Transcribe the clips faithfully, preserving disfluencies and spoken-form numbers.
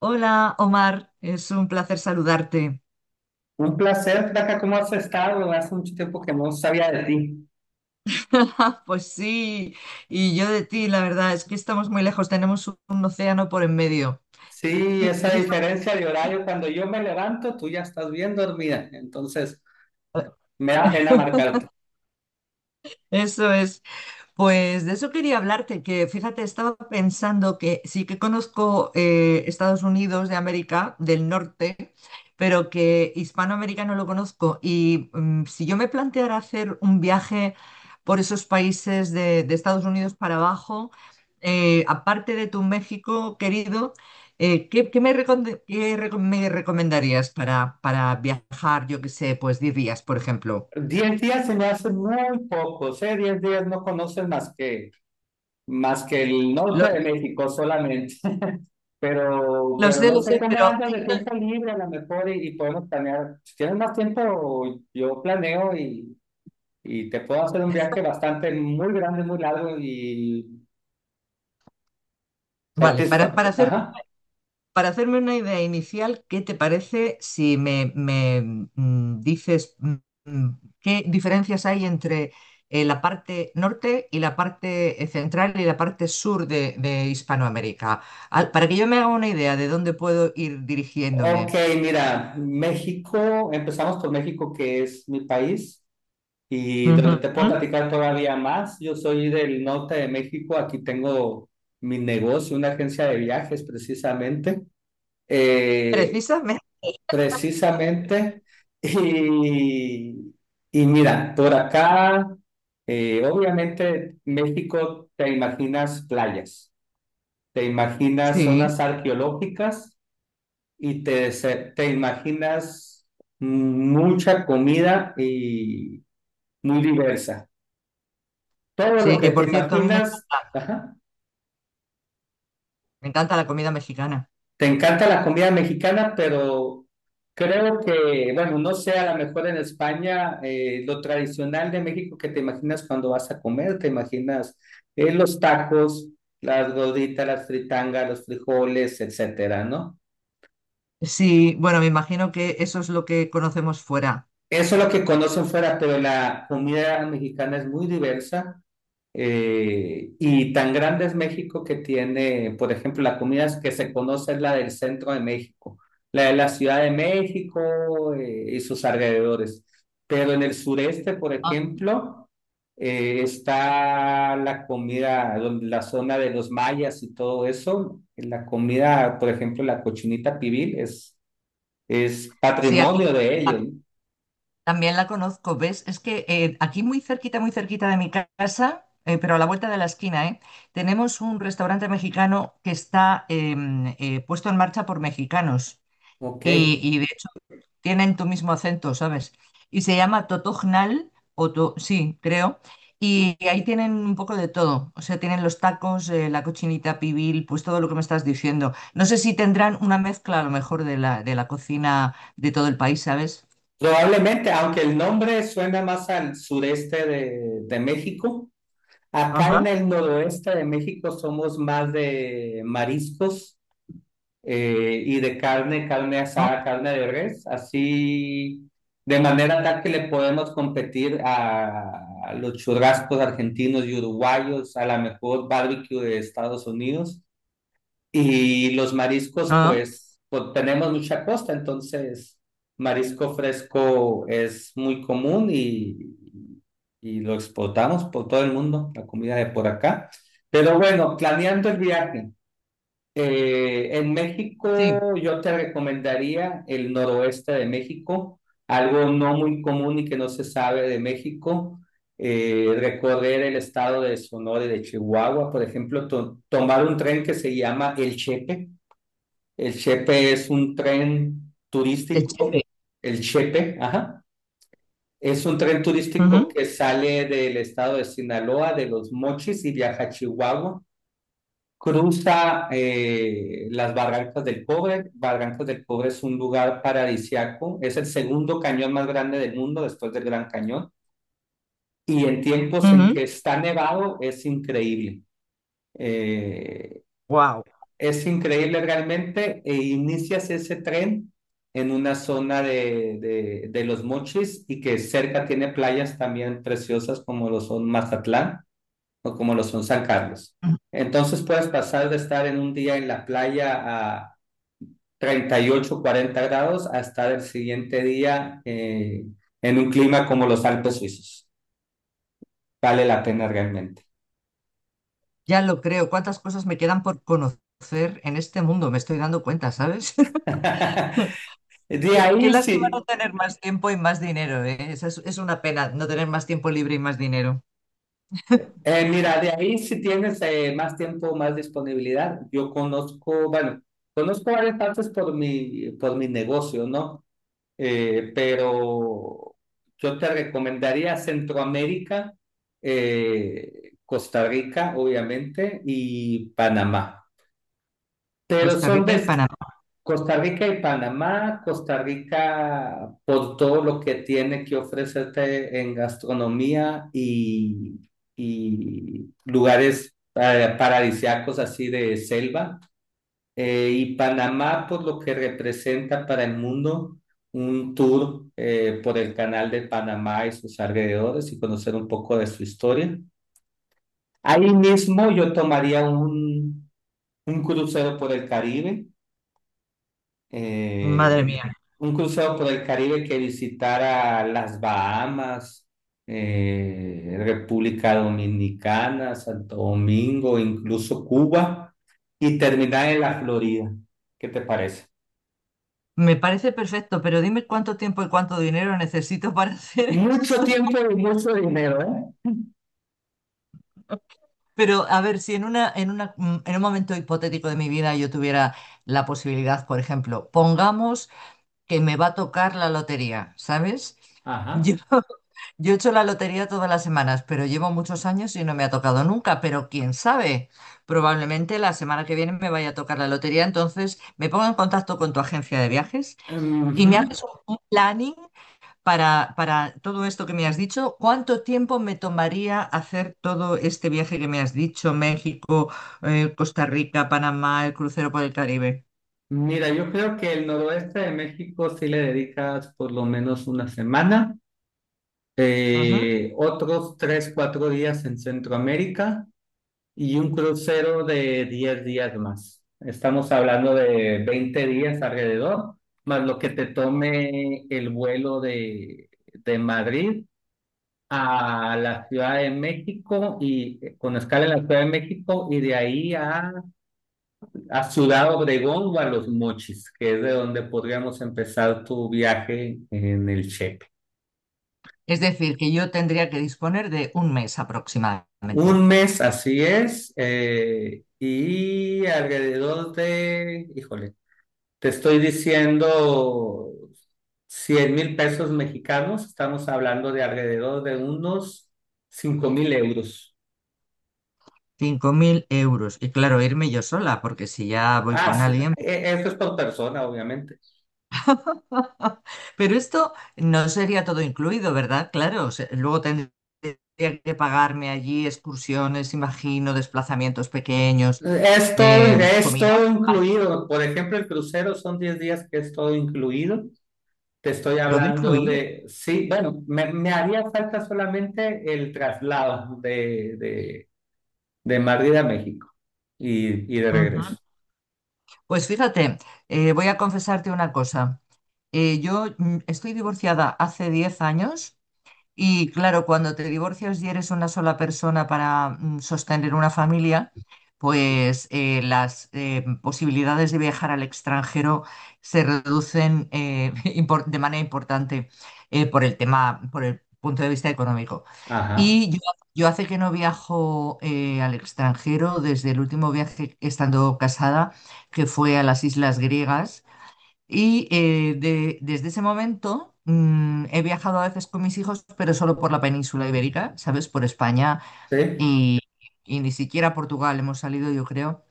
Hola, Omar, es un placer saludarte. Un placer, Flaca, ¿cómo has estado? Hace mucho tiempo que no sabía de ti. Pues sí, y yo de ti, la verdad, es que estamos muy lejos, tenemos un océano por en medio. Sí, Y esa precisamente diferencia de horario, cuando yo me levanto, tú ya estás bien dormida, entonces me da pena marcarte. eso es. Pues de eso quería hablarte, que fíjate, estaba pensando que sí que conozco eh, Estados Unidos de América, del norte, pero que Hispanoamérica no lo conozco. Y mm, si yo me planteara hacer un viaje por esos países de, de Estados Unidos para abajo, eh, aparte de tu México querido, eh, ¿qué, qué me, recomend- qué reco- me recomendarías para, para viajar, yo qué sé, pues diez días, por ejemplo? Diez días se me hacen muy pocos, ¿eh? Diez días no conoces más que, más que el Lo, norte de México solamente, pero, lo pero sé, no lo sé sé, cómo pero andas de tiempo libre a lo mejor y, y podemos planear. Si tienes más tiempo, yo planeo y, y te puedo hacer un viaje bastante muy grande, muy largo y vale, para, para satisfactorio. hacer. Ajá. Para hacerme una idea inicial, ¿qué te parece si me, me, mm, dices mm, mm, qué diferencias hay entre eh, la parte norte y la parte eh, central y la parte sur de, de Hispanoamérica? Al- para que yo me haga una idea de dónde puedo ir Ok, dirigiéndome. mira, México, empezamos por México, que es mi país, y donde Ujú. te puedo platicar todavía más. Yo soy del norte de México, aquí tengo mi negocio, una agencia de viajes precisamente, eh, Precisamente. precisamente, y, y mira, por acá, eh, obviamente México te imaginas playas, te imaginas Sí, zonas arqueológicas y te, se- te imaginas mucha comida y muy diversa. Todo lo sí, que que te por cierto, a mí me, imaginas, ajá. me encanta la comida mexicana. Te encanta la comida mexicana, pero creo que, bueno, no sé, a lo mejor en España, eh, lo tradicional de México que te imaginas cuando vas a comer, te imaginas eh, los tacos, las gorditas, las fritangas, los frijoles, etcétera, ¿no? Sí, bueno, me imagino que eso es lo que conocemos fuera. Eso es lo que conocen fuera, pero la comida mexicana es muy diversa. Eh, y tan grande es México que tiene, por ejemplo, la comida que se conoce es la del centro de México, la de la Ciudad de México eh, y sus alrededores. Pero en el sureste, por Ah. ejemplo, eh, está la comida, donde- la zona de los mayas y todo eso. La comida, por ejemplo, la cochinita pibil es, es Sí, aquí. patrimonio de Ah, ellos. también la conozco, ¿ves? Es que eh, aquí muy cerquita, muy cerquita de mi ca- casa, eh, pero a la vuelta de la esquina, ¿eh? Tenemos un restaurante mexicano que está em, eh, puesto en marcha por mexicanos Ok. y, y, de hecho tienen tu mismo acento, ¿sabes? Y se llama Totognal, o To- sí, creo, y ahí tienen un poco de todo, o sea, tienen los tacos, eh, la cochinita pibil, pues todo lo que me estás diciendo. No sé si tendrán una mezcla a lo mejor de la, de la cocina de todo el país, ¿sabes? Probablemente, aunque el nombre suena más al sureste de, de México, acá en Ajá. el noroeste de México somos más de mariscos eh, y de carne, carne ¿No? asada, carne de res, así de manera tal que le podemos competir a, a los churrascos argentinos y uruguayos, a la mejor barbecue de Estados Unidos. Y los mariscos, Ah. pues, pues, tenemos mucha costa, entonces marisco fresco es muy común y, y lo exportamos por todo el mundo, la comida de por acá. Pero bueno, planeando el viaje, eh, en México Sí, yo te recomendaría el noroeste de México, algo no muy común y que no se sabe de México, eh, recorrer el estado de Sonora y de Chihuahua, por ejemplo, to- tomar un tren que se llama El Chepe. El Chepe es un tren el turístico, chepe. el Chepe, ajá. Es un tren turístico Wow. que sale del estado de Sinaloa, de Los Mochis y viaja a Chihuahua. Cruza eh, las Barrancas del Cobre. Barrancas del Cobre es un lugar paradisiaco. Es el segundo cañón más grande del mundo después del Gran Cañón. Y en tiempos en que está nevado es increíble. Eh, es increíble realmente. E inicias ese tren en una zona de, de, de Los Mochis y que cerca tiene playas también preciosas como lo son Mazatlán o como lo son San Carlos. Entonces puedes pasar de estar en un día en la playa a treinta y ocho, cuarenta grados a estar el siguiente día eh, en un clima como los Alpes suizos. Vale la pena realmente. Ya lo creo. ¿Cuántas cosas me quedan por conocer en este mundo? Me estoy dando cuenta, ¿sabes? De Qué, qué ahí lástima no sí, tener más tiempo y más dinero, ¿eh? Esa Es, es una pena no tener más tiempo libre y más dinero. eh, mira, de ahí si tienes eh, más tiempo, más disponibilidad. Yo conozco, bueno, conozco varias partes por mi, por mi negocio, ¿no? eh, pero yo te recomendaría Centroamérica, eh, Costa Rica, obviamente, y Panamá. Pero Costa son Rica y de Panamá. Costa Rica y Panamá, Costa Rica por todo lo que tiene que ofrecerte en gastronomía y, y lugares eh, paradisíacos así de selva. Eh, y Panamá por lo que representa para el mundo un tour eh, por el canal de Panamá y sus alrededores y conocer un poco de su historia. Ahí mismo yo tomaría un, un crucero por el Caribe, Madre eh, mía. un crucero por el Caribe que visitara las Bahamas, eh, República Dominicana, Santo Domingo, incluso Cuba y terminar en la Florida. ¿Qué te parece? Me parece perfecto, pero dime cuánto tiempo y cuánto dinero necesito para hacer Mucho eso. tiempo y mucho dinero, ¿eh? Pero a ver, si en una, en una, mm, en un momento hipotético de mi vida yo tuviera la posibilidad, por ejemplo, pongamos que me va a tocar la lotería, ¿sabes? Ajá. Yo, yo he hecho la lotería todas las semanas, pero llevo muchos años y no me ha tocado nunca, pero quién sabe, probablemente la semana que viene me vaya a tocar la lotería, entonces me pongo en contacto con tu agencia de viajes y Ujú. me haces un un planning para, para todo esto que me has dicho. ¿Cuánto tiempo me tomaría hacer todo este viaje que me has dicho? México, eh, Costa Rica, Panamá, el crucero por el Caribe. Mira, yo creo que el noroeste de México sí le dedicas por lo menos una semana, eh, otros tres, cuatro días en Centroamérica y un crucero de diez días más. Estamos hablando de veinte días alrededor, más lo que te tome el vuelo de, de Madrid a la Ciudad de México y eh, con escala en la Ciudad de México y de ahí a A Ciudad Obregón o a Los Mochis, que es de donde podríamos empezar tu viaje en el Chepe. Es decir, que yo tendría que disponer de un mes aproximadamente. Un mes, así es, eh, y alrededor de, híjole, te estoy diciendo cien mil pesos mexicanos, estamos hablando de alrededor de unos cinco mil euros. Cinco mil euros. Y claro, irme yo sola, porque si ya voy Ah, con sí, alguien. e- esto es por persona, obviamente. Pero esto no sería todo incluido, ¿verdad? Claro, o sea, luego tendría que pagarme allí excursiones, imagino, desplazamientos pequeños, Es todo, eh, es comida, todo incluido. Por ejemplo, el crucero son diez días que es todo incluido. Te estoy todo hablando incluido. de, sí, bueno, me, me haría falta solamente el traslado de, de, de Madrid a México y, y de Ujú. regreso. Pues fíjate, eh, voy a confesarte una cosa. Eh, yo mm, estoy divorciada hace diez años. Y claro, cuando te divorcias y eres una sola persona para mm, sostener una familia, pues eh, las eh, posibilidades de viajar al extranjero se reducen eh, impor- de manera importante eh, por el tema, por el punto de vista económico. Ajá, Y yo, yo hace que no viajo eh, al extranjero desde el último viaje estando casada, que fue a las Islas Griegas y eh, de- desde ese momento mm, he viajado a veces con mis hijos, pero solo por la península ibérica, ¿sabes? Por España sí. y, y ni siquiera a Portugal hemos salido, yo creo.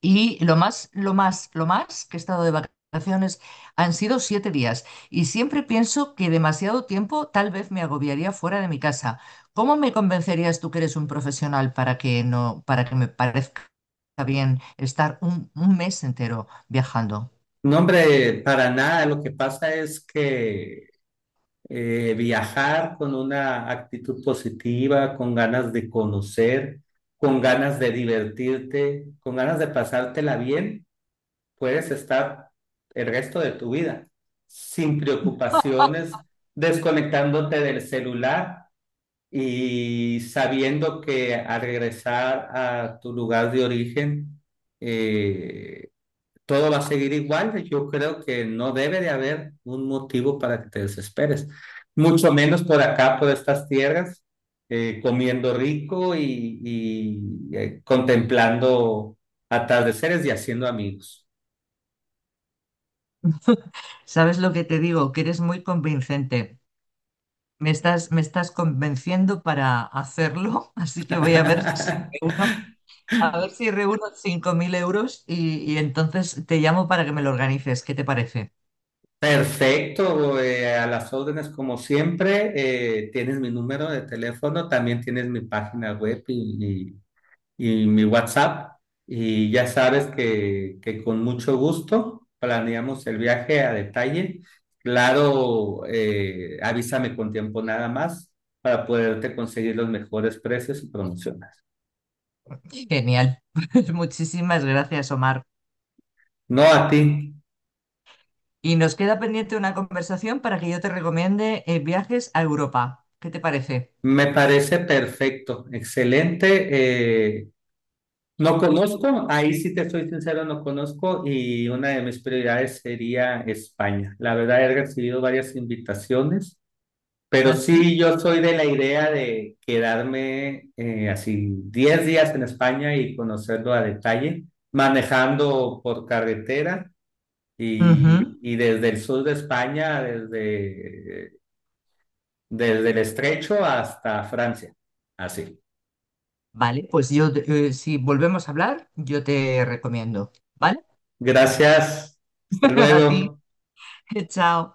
Y lo más, lo más, lo más que he estado de vacaciones han sido siete días. Y siempre pienso que demasiado tiempo tal vez me agobiaría fuera de mi casa. ¿Cómo me convencerías tú que eres un profesional para que no, para que me parezca bien estar un un mes entero viajando? No, hombre, para nada. Lo que pasa es que eh, viajar con una actitud positiva, con ganas de conocer, con ganas de divertirte, con ganas de pasártela bien. Puedes estar el resto de tu vida sin preocupaciones, desconectándote del celular y sabiendo que al regresar a tu lugar de origen, eh, todo va a seguir igual. Yo creo que no debe de haber un motivo para que te desesperes, mucho menos por acá, por estas tierras, eh, comiendo rico y, y, eh, contemplando atardeceres y haciendo amigos. ¿Sabes lo que te digo? Que eres muy convincente. Me estás, me estás convenciendo para hacerlo, así que voy a ver si reúno, a ver si reúno cinco mil euros y, y entonces te llamo para que me lo organices. ¿Qué te parece? Perfecto, eh, a las órdenes como siempre, eh, tienes mi número de teléfono, también tienes mi página web y, y- y mi WhatsApp y ya sabes que, que con mucho gusto planeamos el viaje a detalle. Claro, eh, avísame con tiempo nada más para poderte conseguir los mejores precios y promociones. Genial. Pues muchísimas gracias, Omar. No a ti, Y nos queda pendiente una conversación para que yo te recomiende eh, viajes a Europa. ¿Qué te parece? me parece perfecto, excelente. Eh, no conozco, ahí sí te soy sincero, no conozco y una de mis prioridades sería España. La verdad he recibido varias invitaciones, pero ¿Así? sí yo soy de la idea de quedarme eh, así diez días en España y conocerlo a detalle, manejando por carretera Ujú. y, y desde el sur de España, desde, desde el Estrecho hasta Francia. Así. Vale, pues yo, eh, si volvemos a hablar, yo te recomiendo. ¿Vale? Gracias. Hasta A ti. luego. Chao.